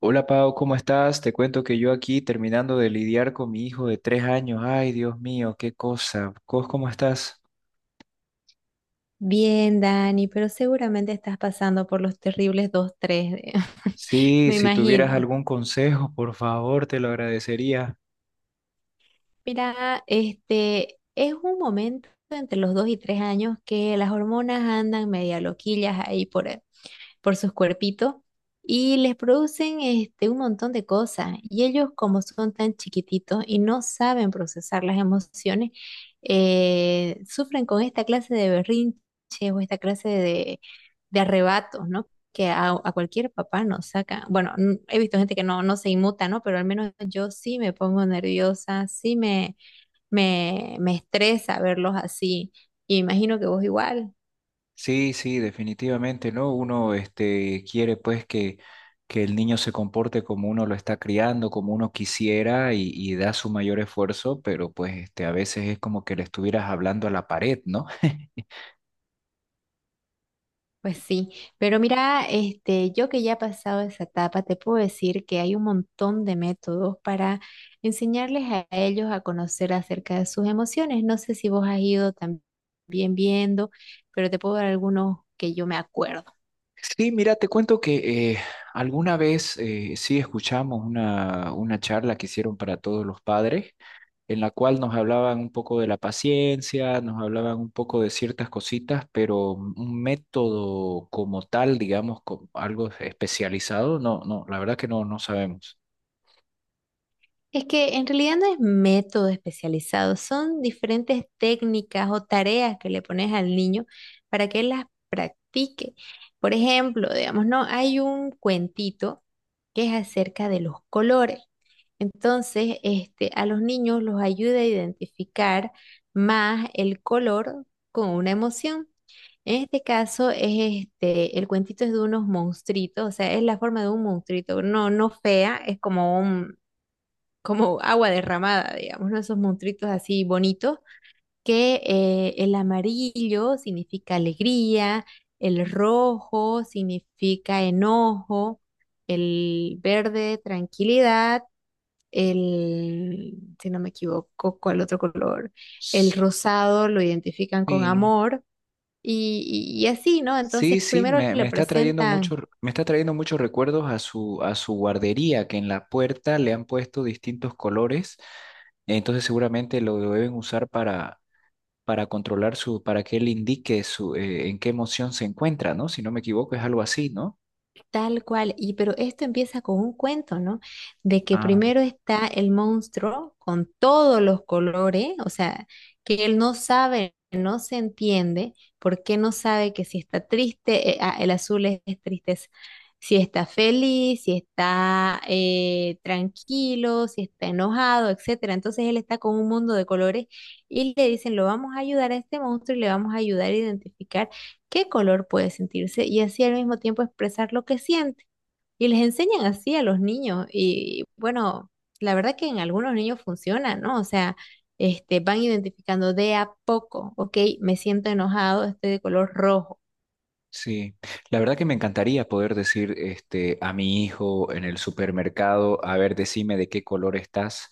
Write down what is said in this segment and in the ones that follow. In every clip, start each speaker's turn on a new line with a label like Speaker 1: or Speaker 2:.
Speaker 1: Hola Pau, ¿cómo estás? Te cuento que yo aquí terminando de lidiar con mi hijo de tres años. Ay, Dios mío, qué cosa. ¿Cos cómo estás?
Speaker 2: Bien, Dani, pero seguramente estás pasando por los terribles dos tres.
Speaker 1: Sí,
Speaker 2: Me
Speaker 1: si tuvieras
Speaker 2: imagino.
Speaker 1: algún consejo, por favor, te lo agradecería.
Speaker 2: Mira, este es un momento entre los 2 y 3 años que las hormonas andan media loquillas ahí por sus cuerpitos y les producen un montón de cosas. Y ellos, como son tan chiquititos y no saben procesar las emociones, sufren con esta clase de berrinches o esta clase de arrebatos, ¿no? Que a cualquier papá nos saca. Bueno, he visto gente que no se inmuta, ¿no? Pero al menos yo sí me pongo nerviosa, sí me estresa verlos así. Y imagino que vos igual.
Speaker 1: Sí, sí, definitivamente, ¿no? Uno, este, quiere pues que el niño se comporte como uno lo está criando, como uno quisiera y da su mayor esfuerzo, pero pues este, a veces es como que le estuvieras hablando a la pared, ¿no?
Speaker 2: Pues sí, pero mira, yo que ya he pasado esa etapa, te puedo decir que hay un montón de métodos para enseñarles a ellos a conocer acerca de sus emociones. No sé si vos has ido también viendo, pero te puedo dar algunos que yo me acuerdo.
Speaker 1: Sí, mira, te cuento que alguna vez sí escuchamos una charla que hicieron para todos los padres, en la cual nos hablaban un poco de la paciencia, nos hablaban un poco de ciertas cositas, pero un método como tal, digamos, algo especializado, no, no, la verdad que no sabemos.
Speaker 2: Es que en realidad no es método especializado, son diferentes técnicas o tareas que le pones al niño para que él las practique. Por ejemplo, digamos, no, hay un cuentito que es acerca de los colores. Entonces, a los niños los ayuda a identificar más el color con una emoción. En este caso es el cuentito es de unos monstruitos, o sea, es la forma de un monstruito, no, no fea, es como como agua derramada, digamos, ¿no? Esos monstruitos así bonitos, que el amarillo significa alegría, el rojo significa enojo, el verde tranquilidad, el, si no me equivoco, ¿cuál otro color? El rosado lo identifican con
Speaker 1: Sí,
Speaker 2: amor y así, ¿no? Entonces
Speaker 1: sí,
Speaker 2: primero le
Speaker 1: me está trayendo
Speaker 2: presentan.
Speaker 1: mucho, me está trayendo muchos recuerdos a a su guardería, que en la puerta le han puesto distintos colores, entonces seguramente lo deben usar para controlar para que él indique su, en qué emoción se encuentra, ¿no? Si no me equivoco, es algo así, ¿no?
Speaker 2: Tal cual, y pero esto empieza con un cuento, ¿no? De que
Speaker 1: Ah.
Speaker 2: primero está el monstruo con todos los colores, o sea, que él no sabe, no se entiende, porque no sabe que si está triste, el azul es tristeza, si está feliz, si está tranquilo, si está enojado, etcétera. Entonces él está con un mundo de colores y le dicen, lo vamos a ayudar a este monstruo y le vamos a ayudar a identificar qué color puede sentirse y así al mismo tiempo expresar lo que siente. Y les enseñan así a los niños y bueno, la verdad que en algunos niños funciona, ¿no? O sea, van identificando de a poco, ok, me siento enojado, estoy de color rojo.
Speaker 1: Sí, la verdad que me encantaría poder decir este, a mi hijo en el supermercado, a ver, decime de qué color estás,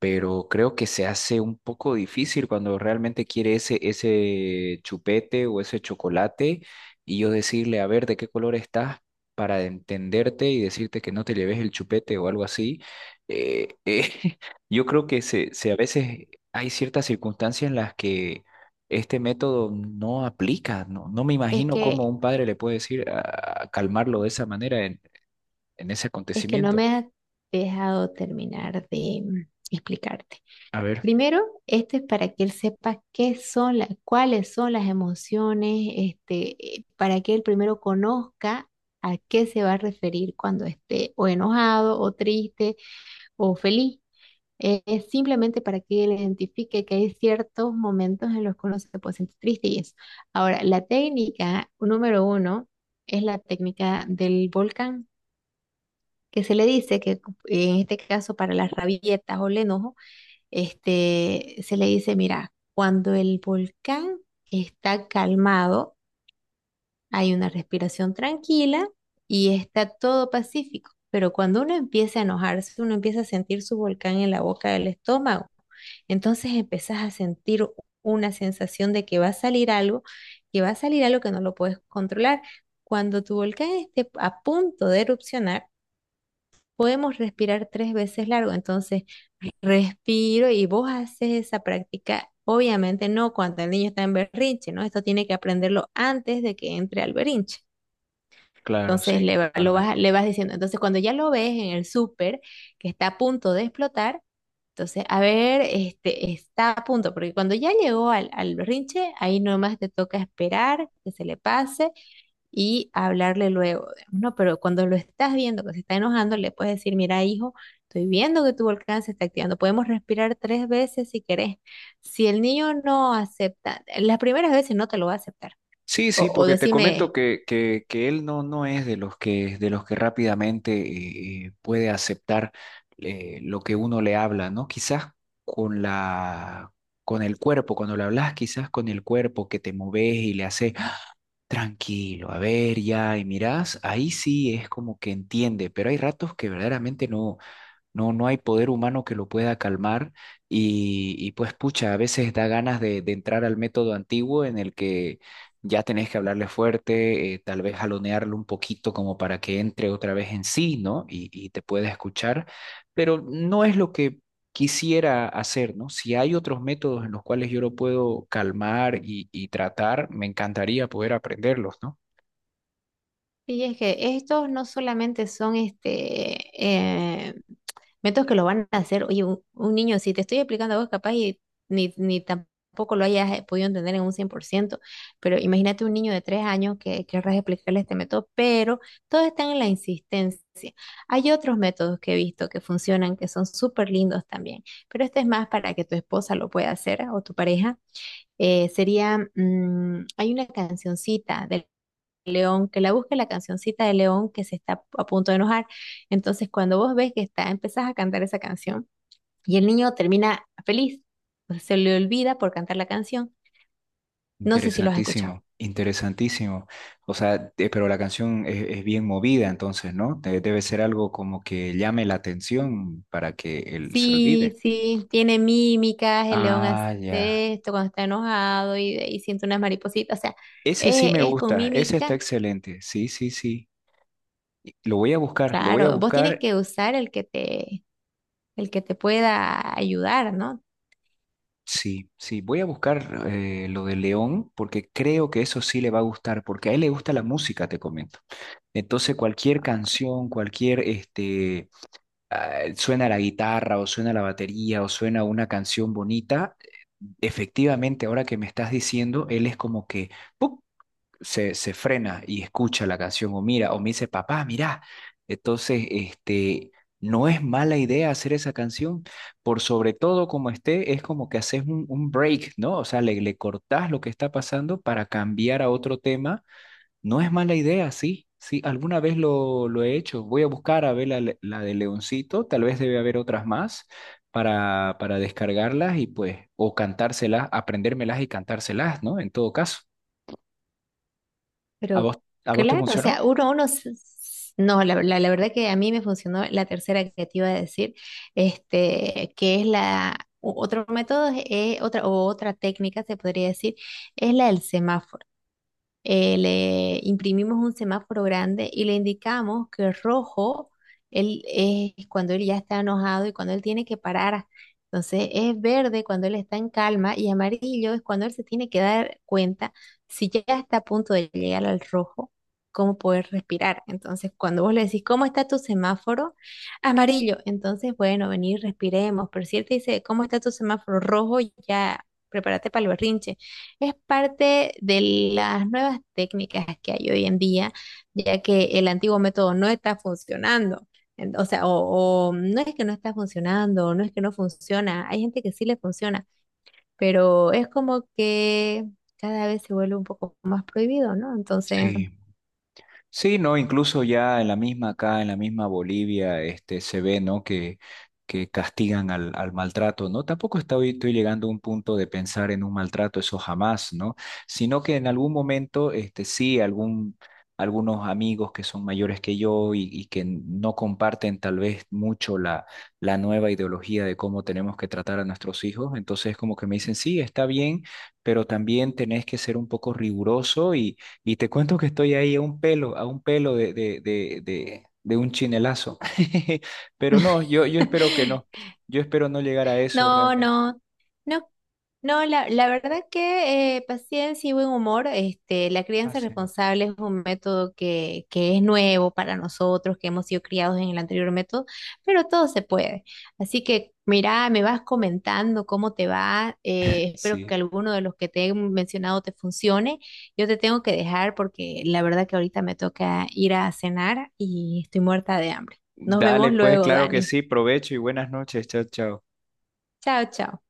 Speaker 1: pero creo que se hace un poco difícil cuando realmente quiere ese chupete o ese chocolate y yo decirle, a ver, de qué color estás para entenderte y decirte que no te lleves el chupete o algo así. Eh, eh, yo creo que se a veces hay ciertas circunstancias en las que este método no aplica, no, no me
Speaker 2: Es
Speaker 1: imagino cómo
Speaker 2: que,
Speaker 1: un padre le puede decir a calmarlo de esa manera en ese
Speaker 2: es que no
Speaker 1: acontecimiento.
Speaker 2: me has dejado terminar de explicarte.
Speaker 1: A ver,
Speaker 2: Primero, esto es para que él sepa qué son cuáles son las emociones, para que él primero conozca a qué se va a referir cuando esté o enojado, o triste, o feliz. Es simplemente para que él identifique que hay ciertos momentos en los que uno se puede sentir triste y eso. Ahora, la técnica número uno es la técnica del volcán, que se le dice que en este caso para las rabietas o el enojo se le dice, mira, cuando el volcán está calmado, hay una respiración tranquila y está todo pacífico. Pero cuando uno empieza a enojarse, uno empieza a sentir su volcán en la boca del estómago. Entonces empezás a sentir una sensación de que va a salir algo, que va a salir algo que no lo puedes controlar. Cuando tu volcán esté a punto de erupcionar, podemos respirar tres veces largo. Entonces, respiro y vos haces esa práctica, obviamente no cuando el niño está en berrinche, ¿no? Esto tiene que aprenderlo antes de que entre al berrinche.
Speaker 1: claro,
Speaker 2: Entonces
Speaker 1: sí,
Speaker 2: le, va- lo vas,
Speaker 1: totalmente.
Speaker 2: le vas diciendo, entonces cuando ya lo ves en el súper que está a punto de explotar, entonces, a ver, este está a punto, porque cuando ya llegó al, al berrinche, ahí nomás te toca esperar que se le pase y hablarle luego, digamos, ¿no? Pero cuando lo estás viendo que se está enojando, le puedes decir, mira, hijo, estoy viendo que tu volcán se está activando, podemos respirar tres veces si querés. Si el niño no acepta, las primeras veces no te lo va a aceptar.
Speaker 1: Sí,
Speaker 2: O,
Speaker 1: sí,
Speaker 2: o
Speaker 1: porque te comento
Speaker 2: decime,
Speaker 1: que él no, no es de los de los que rápidamente puede aceptar lo que uno le habla, ¿no? Quizás con la, con el cuerpo, cuando le hablas, quizás con el cuerpo que te moves y le haces tranquilo, a ver ya, y mirás, ahí sí es como que entiende, pero hay ratos que verdaderamente no, no, no hay poder humano que lo pueda calmar y pues pucha, a veces da ganas de entrar al método antiguo en el que ya tenés que hablarle fuerte, tal vez jalonearlo un poquito como para que entre otra vez en sí, ¿no? Y te pueda escuchar, pero no es lo que quisiera hacer, ¿no? Si hay otros métodos en los cuales yo lo puedo calmar y tratar, me encantaría poder aprenderlos, ¿no?
Speaker 2: y es que estos no solamente son métodos que lo van a hacer. Oye, un niño, si te estoy explicando a vos, capaz y ni tampoco lo hayas podido entender en un 100%, pero imagínate un niño de 3 años que querrás explicarle este método, pero todos están en la insistencia. Hay otros métodos que he visto que funcionan, que son súper lindos también, pero este es más para que tu esposa lo pueda hacer o tu pareja. Sería, hay una cancioncita de León, que la busque la cancioncita de León que se está a punto de enojar. Entonces, cuando vos ves que está, empezás a cantar esa canción y el niño termina feliz, pues se le olvida por cantar la canción. No sé si lo has escuchado.
Speaker 1: Interesantísimo, interesantísimo. O sea, pero la canción es bien movida, entonces, ¿no? Debe ser algo como que llame la atención para que él se olvide.
Speaker 2: Sí, sí, tiene mímicas, el león
Speaker 1: Ah, ya.
Speaker 2: hace esto cuando está enojado y siente unas maripositas, o sea,
Speaker 1: Ese sí
Speaker 2: es,
Speaker 1: me
Speaker 2: es con
Speaker 1: gusta, ese está
Speaker 2: mímica.
Speaker 1: excelente. Sí, sí, sí. Y lo voy a buscar, lo voy a
Speaker 2: Claro, vos tienes
Speaker 1: buscar.
Speaker 2: que usar el que te pueda ayudar, ¿no?
Speaker 1: Sí, sí, voy a buscar lo de León porque creo que eso sí le va a gustar, porque a él le gusta la música, te comento. Entonces, cualquier canción, cualquier este suena la guitarra o suena la batería o suena una canción bonita, efectivamente, ahora que me estás diciendo, él es como que ¡puc! Se frena y escucha la canción o mira, o me dice, papá, mira. Entonces, este, no es mala idea hacer esa canción, por sobre todo como esté, es como que haces un break, ¿no? O sea, le cortás lo que está pasando para cambiar a otro tema, no es mala idea, sí, sí, alguna vez lo he hecho. Voy a buscar a ver la de Leoncito, tal vez debe haber otras más para descargarlas y pues, o cantárselas, aprendérmelas y cantárselas, ¿no? En todo caso, ¿a
Speaker 2: Pero
Speaker 1: vos te
Speaker 2: claro, o sea,
Speaker 1: funcionó?
Speaker 2: no, la verdad que a mí me funcionó la tercera que te iba a decir, que es otro método, es otra técnica se podría decir, es la del semáforo. Le imprimimos un semáforo grande y le indicamos que rojo él es cuando él ya está enojado y cuando él tiene que parar. Entonces es verde cuando él está en calma y amarillo es cuando él se tiene que dar cuenta si ya está a punto de llegar al rojo, cómo poder respirar. Entonces cuando vos le decís, ¿cómo está tu semáforo? Amarillo. Entonces, bueno, venir, respiremos. Pero si él te dice, ¿cómo está tu semáforo rojo? Ya prepárate para el berrinche. Es parte de las nuevas técnicas que hay hoy en día, ya que el antiguo método no está funcionando. O sea, o no es que no está funcionando, no es que no funciona. Hay gente que sí le funciona, pero es como que cada vez se vuelve un poco más prohibido, ¿no? Entonces,
Speaker 1: Sí. Sí, no, incluso ya en la misma acá, en la misma Bolivia, este, se ve, ¿no? Que castigan al maltrato, ¿no? Tampoco estoy, estoy llegando a un punto de pensar en un maltrato, eso jamás, ¿no? Sino que en algún momento, este, sí, algunos amigos que son mayores que yo y que no comparten tal vez mucho la nueva ideología de cómo tenemos que tratar a nuestros hijos, entonces como que me dicen, sí, está bien, pero también tenés que ser un poco riguroso y te cuento que estoy ahí a un pelo de un chinelazo. Pero no, yo espero que no. Yo espero no llegar a eso
Speaker 2: no,
Speaker 1: realmente.
Speaker 2: no, no, no, la verdad que paciencia y buen humor, la
Speaker 1: Ah,
Speaker 2: crianza
Speaker 1: sí.
Speaker 2: responsable es un método que es nuevo para nosotros, que hemos sido criados en el anterior método, pero todo se puede. Así que, mira, me vas comentando cómo te va, espero que
Speaker 1: Sí.
Speaker 2: alguno de los que te he mencionado te funcione. Yo te tengo que dejar porque la verdad que ahorita me toca ir a cenar y estoy muerta de hambre. Nos
Speaker 1: Dale,
Speaker 2: vemos
Speaker 1: pues,
Speaker 2: luego,
Speaker 1: claro que
Speaker 2: Dani.
Speaker 1: sí. Provecho y buenas noches. Chao, chao.
Speaker 2: Chao, chao.